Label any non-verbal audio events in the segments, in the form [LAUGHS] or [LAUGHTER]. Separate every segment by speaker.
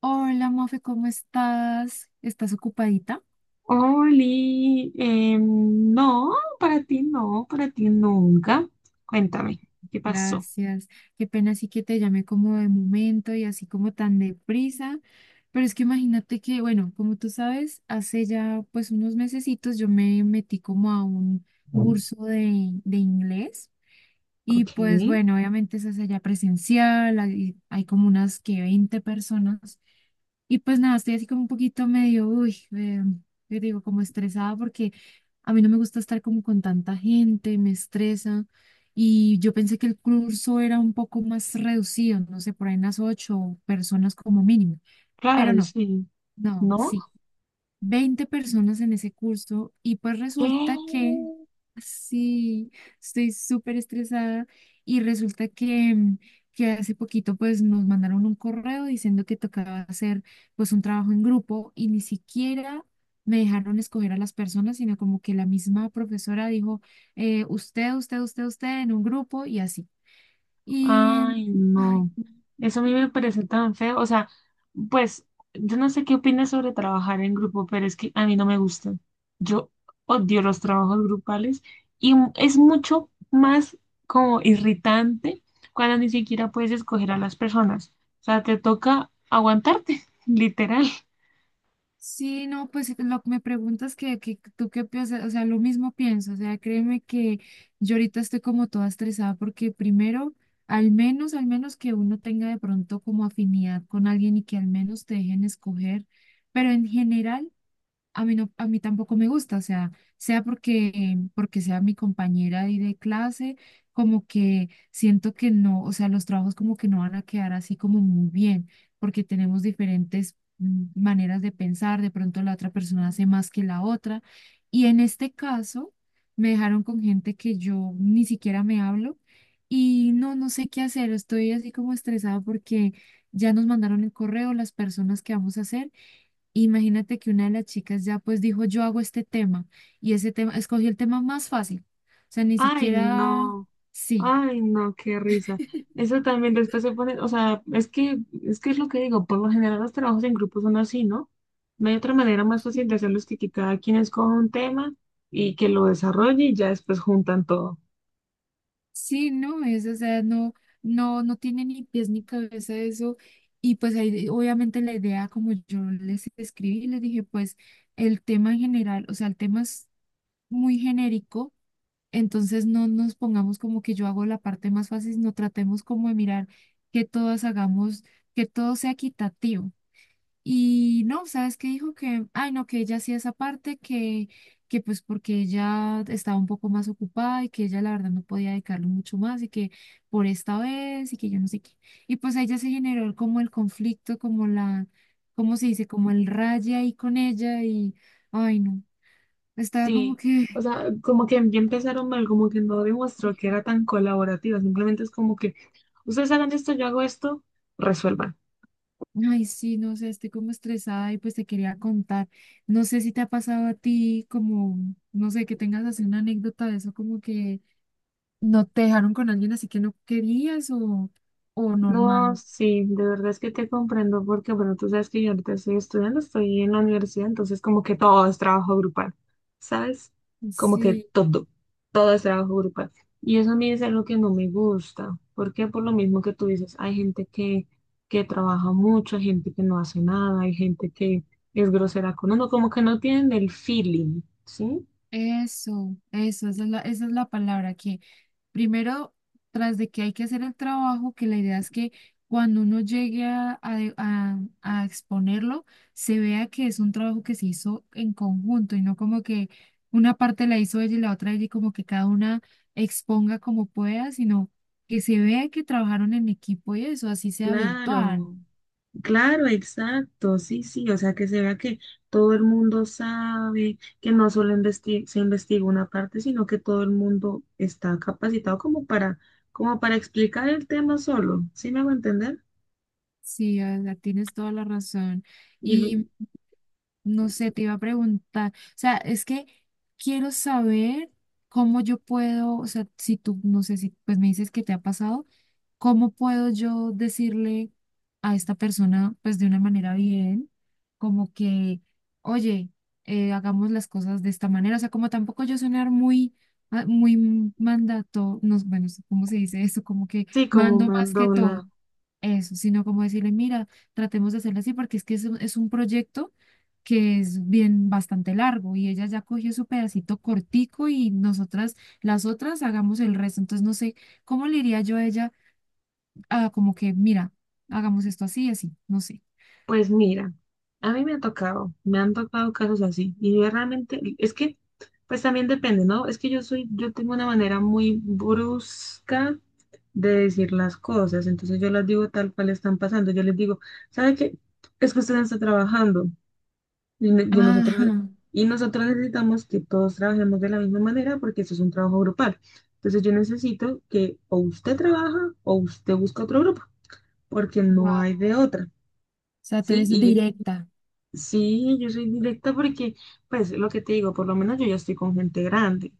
Speaker 1: Hola, Mofe, ¿cómo estás? ¿Estás ocupadita?
Speaker 2: Oli, em, no, para ti no, para ti nunca. Cuéntame, ¿qué pasó?
Speaker 1: Gracias. Qué pena sí que te llamé como de momento y así como tan deprisa, pero es que imagínate que, bueno, como tú sabes, hace ya pues unos mesecitos yo me metí como a un curso de inglés. Y
Speaker 2: Ok,
Speaker 1: pues bueno, obviamente eso es allá presencial, hay como unas que 20 personas. Y pues nada, estoy así como un poquito medio, uy, yo digo como estresada porque a mí no me gusta estar como con tanta gente, me estresa. Y yo pensé que el curso era un poco más reducido, no sé, por ahí unas ocho personas como mínimo. Pero
Speaker 2: claro,
Speaker 1: no,
Speaker 2: sí.
Speaker 1: no,
Speaker 2: ¿No?
Speaker 1: sí, 20 personas en ese curso y pues
Speaker 2: ¿Qué?
Speaker 1: resulta que, sí, estoy súper estresada y resulta que, que hace poquito pues nos mandaron un correo diciendo que tocaba hacer pues un trabajo en grupo y ni siquiera me dejaron escoger a las personas, sino como que la misma profesora dijo, usted, usted, usted, usted en un grupo y así. Y,
Speaker 2: Ay,
Speaker 1: ay.
Speaker 2: no. Eso a mí me parece tan feo. O sea, pues yo no sé qué opinas sobre trabajar en grupo, pero es que a mí no me gusta. Yo odio los trabajos grupales y es mucho más como irritante cuando ni siquiera puedes escoger a las personas. O sea, te toca aguantarte, [LAUGHS] literal.
Speaker 1: Sí, no, pues lo que me preguntas que, tú qué piensas, o sea, lo mismo pienso, o sea, créeme que yo ahorita estoy como toda estresada porque primero, al menos que uno tenga de pronto como afinidad con alguien y que al menos te dejen escoger, pero en general a mí no, a mí tampoco me gusta, o sea, sea porque sea mi compañera ahí de clase, como que siento que no, o sea, los trabajos como que no van a quedar así como muy bien, porque tenemos diferentes maneras de pensar, de pronto la otra persona hace más que la otra, y en este caso me dejaron con gente que yo ni siquiera me hablo. Y no, no sé qué hacer, estoy así como estresada porque ya nos mandaron el correo, las personas que vamos a hacer. Imagínate que una de las chicas ya pues dijo, yo hago este tema y ese tema, escogió el tema más fácil. O sea, ni
Speaker 2: Ay,
Speaker 1: siquiera,
Speaker 2: no.
Speaker 1: sí.
Speaker 2: Ay, no, qué risa. Eso también después se pone, o sea, es que es lo que digo, por lo general los trabajos en grupo son así, ¿no? No hay otra manera más
Speaker 1: Sí.
Speaker 2: fácil de hacerlos que cada quien escoja un tema y que lo desarrolle y ya después juntan todo.
Speaker 1: Sí, no es, o sea, no, no, no tiene ni pies ni cabeza eso. Y pues ahí obviamente la idea, como yo les escribí, les dije, pues el tema en general, o sea, el tema es muy genérico, entonces no nos pongamos como que yo hago la parte más fácil, no tratemos como de mirar que todos hagamos, que todo sea equitativo. Y no, ¿sabes qué dijo? Que, ay, no, que ella hacía esa parte, que pues porque ella estaba un poco más ocupada y que ella la verdad no podía dedicarle mucho más y que por esta vez y que yo no sé qué. Y pues a ella se generó como el conflicto, como la, ¿cómo se dice? Como el raye ahí con ella y, ay, no, estaba como
Speaker 2: Sí, o
Speaker 1: que,
Speaker 2: sea, como que ya empezaron mal, como que no demostró que era
Speaker 1: [LAUGHS]
Speaker 2: tan colaborativa, simplemente es como que ustedes hagan esto, yo hago esto, resuelvan.
Speaker 1: ay, sí, no sé, estoy como estresada y pues te quería contar. No sé si te ha pasado a ti como, no sé, que tengas así una anécdota de eso, como que ¿no te dejaron con alguien así que no querías o normal?
Speaker 2: No, sí, de verdad es que te comprendo porque, bueno, tú sabes que yo ahorita estoy estudiando, estoy en la universidad, entonces como que todo es trabajo grupal, ¿sabes? Como que
Speaker 1: Sí,
Speaker 2: todo, todo es trabajo grupal. Y eso a mí es algo que no me gusta, porque por lo mismo que tú dices, hay gente que trabaja mucho, hay gente que no hace nada, hay gente que es grosera con uno, como que no tienen el feeling, ¿sí?
Speaker 1: eso, esa es la palabra, que primero, tras de que hay que hacer el trabajo, que la idea es que cuando uno llegue a exponerlo, se vea que es un trabajo que se hizo en conjunto y no como que una parte la hizo ella y la otra ella y como que cada una exponga como pueda, sino que se vea que trabajaron en equipo y eso, así sea virtual.
Speaker 2: Claro. Claro, exacto, sí, sí, o sea, que se vea que todo el mundo sabe, que no solo se investiga una parte, sino que todo el mundo está capacitado como para, como para explicar el tema solo, ¿sí me hago entender?
Speaker 1: Sí, Olga, tienes toda la razón.
Speaker 2: Y
Speaker 1: Y no sé, te iba a preguntar, o sea, es que quiero saber cómo yo puedo, o sea, si tú, no sé si pues me dices que te ha pasado. ¿Cómo puedo yo decirle a esta persona, pues de una manera bien, como que, oye, hagamos las cosas de esta manera? O sea, como tampoco yo sonar muy, ah, muy mandato, no, bueno, ¿cómo se dice eso? Como que
Speaker 2: sí, como
Speaker 1: mando más que
Speaker 2: Madonna,
Speaker 1: todo. Eso, sino como decirle, mira, tratemos de hacerlo así porque es que es es un proyecto que es bien bastante largo y ella ya cogió su pedacito cortico y nosotras, las otras, hagamos el resto. Entonces, no sé, ¿cómo le diría yo a ella? Ah, como que, mira, hagamos esto así, así, no sé.
Speaker 2: pues mira, a mí me ha tocado, me han tocado casos así, y yo realmente, es que, pues también depende, ¿no? Es que yo soy, yo tengo una manera muy brusca de decir las cosas. Entonces yo las digo tal cual están pasando. Yo les digo, ¿sabe qué? Es que usted no está trabajando y,
Speaker 1: Ajá,
Speaker 2: y nosotros necesitamos que todos trabajemos de la misma manera porque eso es un trabajo grupal. Entonces yo necesito que o usted trabaja o usted busca otro grupo porque
Speaker 1: wow.
Speaker 2: no
Speaker 1: O
Speaker 2: hay de otra.
Speaker 1: sea, tú
Speaker 2: ¿Sí?
Speaker 1: eres directa.
Speaker 2: Sí, yo soy directa porque, pues, lo que te digo, por lo menos yo ya estoy con gente grande.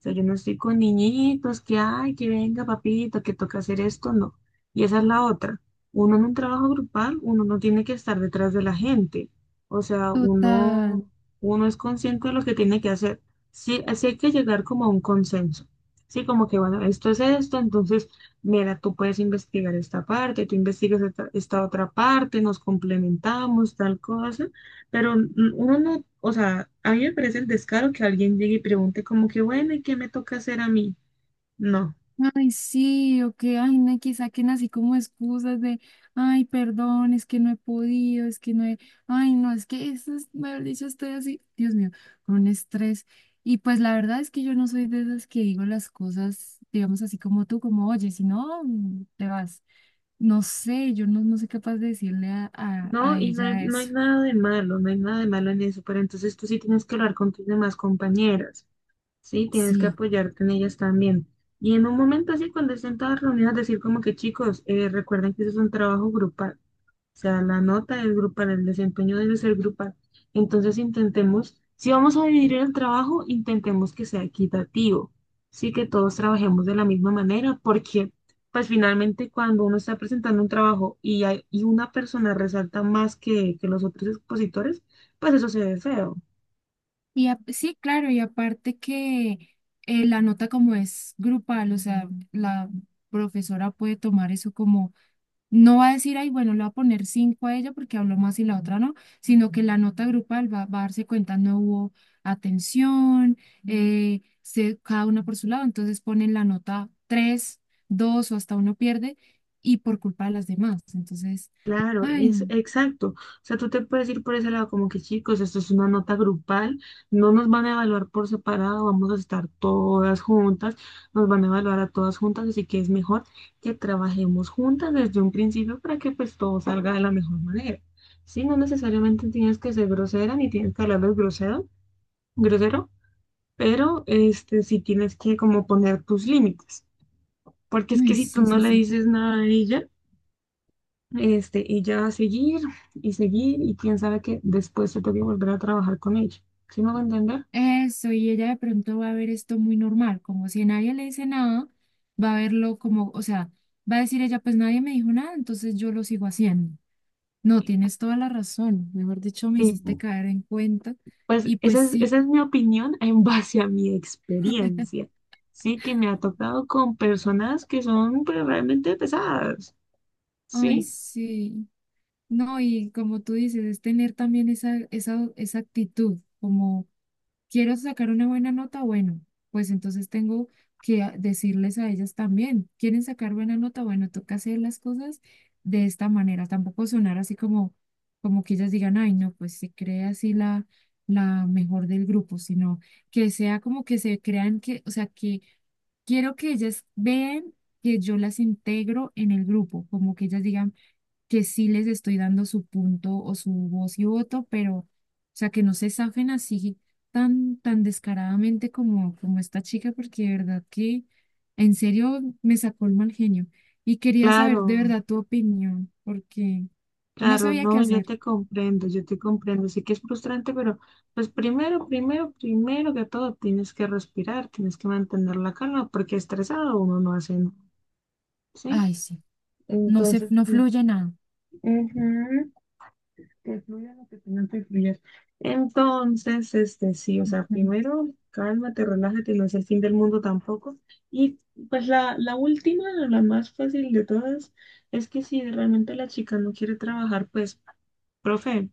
Speaker 2: O sea, yo no estoy con niñitos que, ay, que venga, papito, que toca hacer esto, no. Y esa es la otra. Uno en un trabajo grupal, uno no tiene que estar detrás de la gente. O sea, uno,
Speaker 1: Total.
Speaker 2: uno es consciente de lo que tiene que hacer. Sí, así hay que llegar como a un consenso. Sí, como que, bueno, esto es esto, entonces, mira, tú puedes investigar esta parte, tú investigas esta otra parte, nos complementamos, tal cosa. Pero uno no, o sea, a mí me parece el descaro que alguien llegue y pregunte como que, bueno, ¿y qué me toca hacer a mí? No,
Speaker 1: Ay, sí, o que, ay, no, que saquen así como excusas de, ay, perdón, es que no he podido, es que no he, ay, no, es que eso es, mejor dicho, estoy así, Dios mío, con un estrés. Y pues la verdad es que yo no soy de esas que digo las cosas, digamos así como tú, como, oye, si no, te vas. No sé, yo no, no soy capaz de decirle
Speaker 2: no,
Speaker 1: a
Speaker 2: y
Speaker 1: ella
Speaker 2: no hay
Speaker 1: eso.
Speaker 2: nada de malo, no hay nada de malo en eso, pero entonces tú sí tienes que hablar con tus demás compañeras, sí, tienes que
Speaker 1: Sí.
Speaker 2: apoyarte en ellas también. Y en un momento así, cuando estén todas reunidas, decir como que, chicos, recuerden que eso es un trabajo grupal. O sea, la nota es grupal, el desempeño debe ser grupal. Entonces intentemos, si vamos a dividir el trabajo, intentemos que sea equitativo, sí que todos trabajemos de la misma manera, porque pues finalmente cuando uno está presentando un trabajo y, y una persona resalta más que los otros expositores, pues eso se ve feo.
Speaker 1: Y sí, claro, y aparte que la nota como es grupal, o sea, la profesora puede tomar eso como, no va a decir, ay, bueno, le va a poner cinco a ella porque habló más y la otra no, sino que la nota grupal va a darse cuenta, no hubo atención, cada una por su lado, entonces ponen la nota tres, dos o hasta uno pierde y por culpa de las demás. Entonces,
Speaker 2: Claro,
Speaker 1: ay, no,
Speaker 2: es exacto. O sea, tú te puedes ir por ese lado como que, chicos, esto es una nota grupal, no nos van a evaluar por separado, vamos a estar todas juntas, nos van a evaluar a todas juntas, así que es mejor que trabajemos juntas desde un principio para que pues todo salga de la mejor manera. Sí, no necesariamente tienes que ser grosera ni tienes que hablarles grosero, grosero, pero este sí tienes que como poner tus límites, porque es que
Speaker 1: ay,
Speaker 2: si tú
Speaker 1: sí,
Speaker 2: no
Speaker 1: sí,
Speaker 2: le
Speaker 1: sí.
Speaker 2: dices nada a ella este, y ya seguir y seguir, y quién sabe que después se toque volver a trabajar con ella. ¿Sí me va a entender?
Speaker 1: Eso, y ella de pronto va a ver esto muy normal, como si nadie le dice nada, va a verlo como, o sea, va a decir ella, pues nadie me dijo nada, entonces yo lo sigo haciendo. No, tienes toda la razón, mejor dicho, me
Speaker 2: Y
Speaker 1: hiciste caer en cuenta
Speaker 2: pues
Speaker 1: y pues sí,
Speaker 2: esa es mi opinión [LAUGHS] en base a mi experiencia. Sí, que me ha tocado con personas que son pues, realmente pesadas.
Speaker 1: ay,
Speaker 2: Sí,
Speaker 1: sí, no, y como tú dices, es tener también esa actitud, como quiero sacar una buena nota, bueno, pues entonces tengo que decirles a ellas también, ¿quieren sacar buena nota? Bueno, toca hacer las cosas de esta manera, tampoco sonar así como, como que ellas digan, ay, no, pues se cree así la mejor del grupo, sino que sea como que se crean que, o sea, que quiero que ellas vean que yo las integro en el grupo, como que ellas digan, que sí les estoy dando su punto o su voz y voto, pero, o sea, que no se zafen así tan descaradamente como, como esta chica, porque de verdad que en serio me sacó el mal genio. Y quería saber de
Speaker 2: claro,
Speaker 1: verdad tu opinión, porque no
Speaker 2: claro,
Speaker 1: sabía qué
Speaker 2: no, yo
Speaker 1: hacer.
Speaker 2: te comprendo, yo te comprendo. Sí que es frustrante, pero pues primero, primero, primero que todo tienes que respirar, tienes que mantener la calma, porque estresado uno no hace nada. Sí.
Speaker 1: Ay, sí, no se,
Speaker 2: Entonces,
Speaker 1: no
Speaker 2: pues,
Speaker 1: fluye nada.
Speaker 2: ujú, que fluya lo que tenga que fluyas. Entonces, este sí, o sea, primero cálmate, relájate, no es el fin del mundo tampoco. Y pues la última, la más fácil de todas, es que si realmente la chica no quiere trabajar, pues, profe,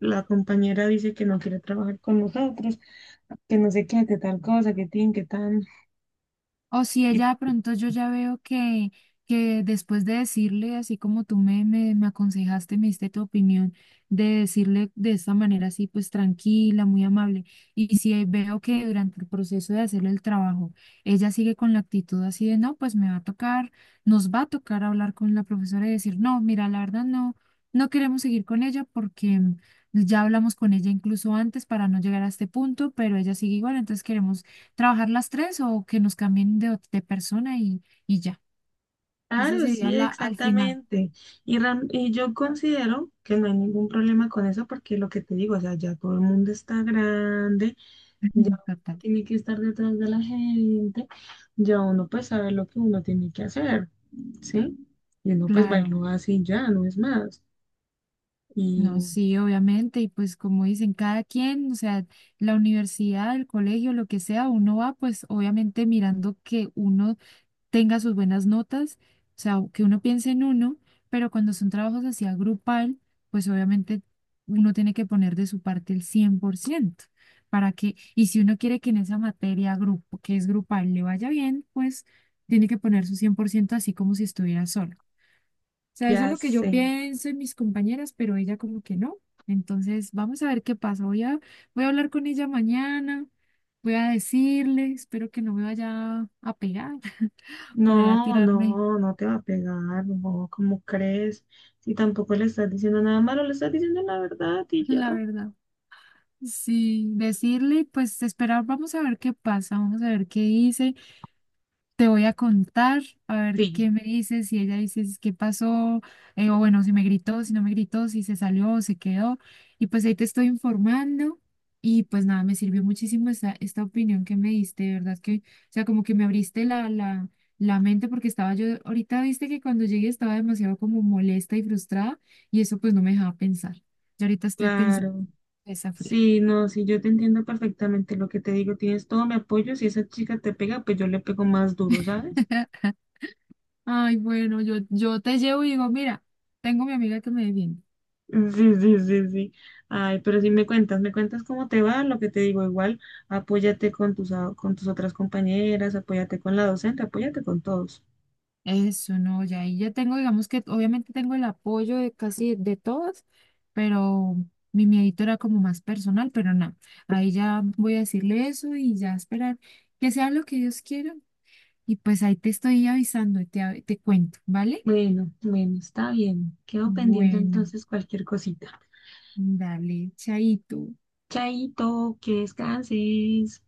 Speaker 2: la compañera dice que no quiere trabajar con nosotros, que no sé qué, que tal cosa, que tin, que tan.
Speaker 1: O si
Speaker 2: Y
Speaker 1: ella de pronto yo ya veo que después de decirle, así como tú me aconsejaste, me diste tu opinión, de decirle de esta manera así, pues tranquila, muy amable, y si veo que durante el proceso de hacerle el trabajo, ella sigue con la actitud así de, no, pues me va a tocar, nos va a tocar hablar con la profesora y decir, no, mira, la verdad no, no queremos seguir con ella porque... Ya hablamos con ella incluso antes para no llegar a este punto, pero ella sigue igual, entonces queremos trabajar las tres o que nos cambien de, de persona y ya. Esa
Speaker 2: Claro, sí,
Speaker 1: sería la al final.
Speaker 2: exactamente. Y, y yo considero que no hay ningún problema con eso porque lo que te digo, o sea, ya todo el mundo está grande, ya
Speaker 1: [LAUGHS]
Speaker 2: uno
Speaker 1: Total.
Speaker 2: tiene que estar detrás de la gente, ya uno pues sabe lo que uno tiene que hacer, ¿sí? Y uno pues
Speaker 1: Claro,
Speaker 2: bailó así ya, no es más. Y
Speaker 1: no, sí, obviamente. Y pues como dicen, cada quien, o sea, la universidad, el colegio, lo que sea, uno va pues obviamente mirando que uno tenga sus buenas notas, o sea, que uno piense en uno, pero cuando son trabajos así a grupal, pues obviamente uno tiene que poner de su parte el 100% para que, y si uno quiere que en esa materia grupo, que es grupal, le vaya bien, pues tiene que poner su 100% así como si estuviera solo sea, eso es
Speaker 2: ya
Speaker 1: lo que yo
Speaker 2: sé,
Speaker 1: pienso y mis compañeras, pero ella como que no. Entonces, vamos a ver qué pasa. Voy a, voy a hablar con ella mañana, voy a decirle, espero que no me vaya a pegar [LAUGHS] por ahí a
Speaker 2: no,
Speaker 1: tirarme,
Speaker 2: no, no te va a pegar, no, ¿cómo crees? Si tampoco le estás diciendo nada malo, le estás diciendo la verdad
Speaker 1: [LAUGHS]
Speaker 2: y ya.
Speaker 1: la verdad. Sí, decirle, pues esperar, vamos a ver qué pasa, vamos a ver qué dice. Te voy a contar, a ver
Speaker 2: Sí,
Speaker 1: qué me dices, si ella dice qué pasó, o bueno, si me gritó, si no me gritó, si se salió o se quedó. Y pues ahí te estoy informando. Y pues nada, me sirvió muchísimo esta opinión que me diste, de verdad que, o sea, como que me abriste la mente porque estaba yo, ahorita viste que cuando llegué estaba demasiado como molesta y frustrada y eso pues no me dejaba pensar. Yo ahorita estoy pensando
Speaker 2: claro.
Speaker 1: en esa fría.
Speaker 2: Sí, no, sí, yo te entiendo perfectamente lo que te digo, tienes todo mi apoyo, si esa chica te pega, pues yo le pego más duro, ¿sabes?
Speaker 1: [LAUGHS] Ay, bueno, yo te llevo y digo, mira, tengo mi amiga que me defiende.
Speaker 2: Sí, sí, sí, sí. Ay, pero sí me cuentas cómo te va, lo que te digo, igual, apóyate con tus, con tus otras compañeras, apóyate con la docente, apóyate con todos.
Speaker 1: Eso no, ya ahí ya tengo, digamos que obviamente tengo el apoyo de casi de todas, pero mi miedito era como más personal, pero nada, ahí ya voy a decirle eso y ya esperar que sea lo que Dios quiera. Y pues ahí te estoy avisando y te cuento, ¿vale?
Speaker 2: Bueno, bueno, está bien. Quedo pendiente
Speaker 1: Bueno,
Speaker 2: entonces cualquier cosita.
Speaker 1: dale, chaito.
Speaker 2: Chaito, que descanses.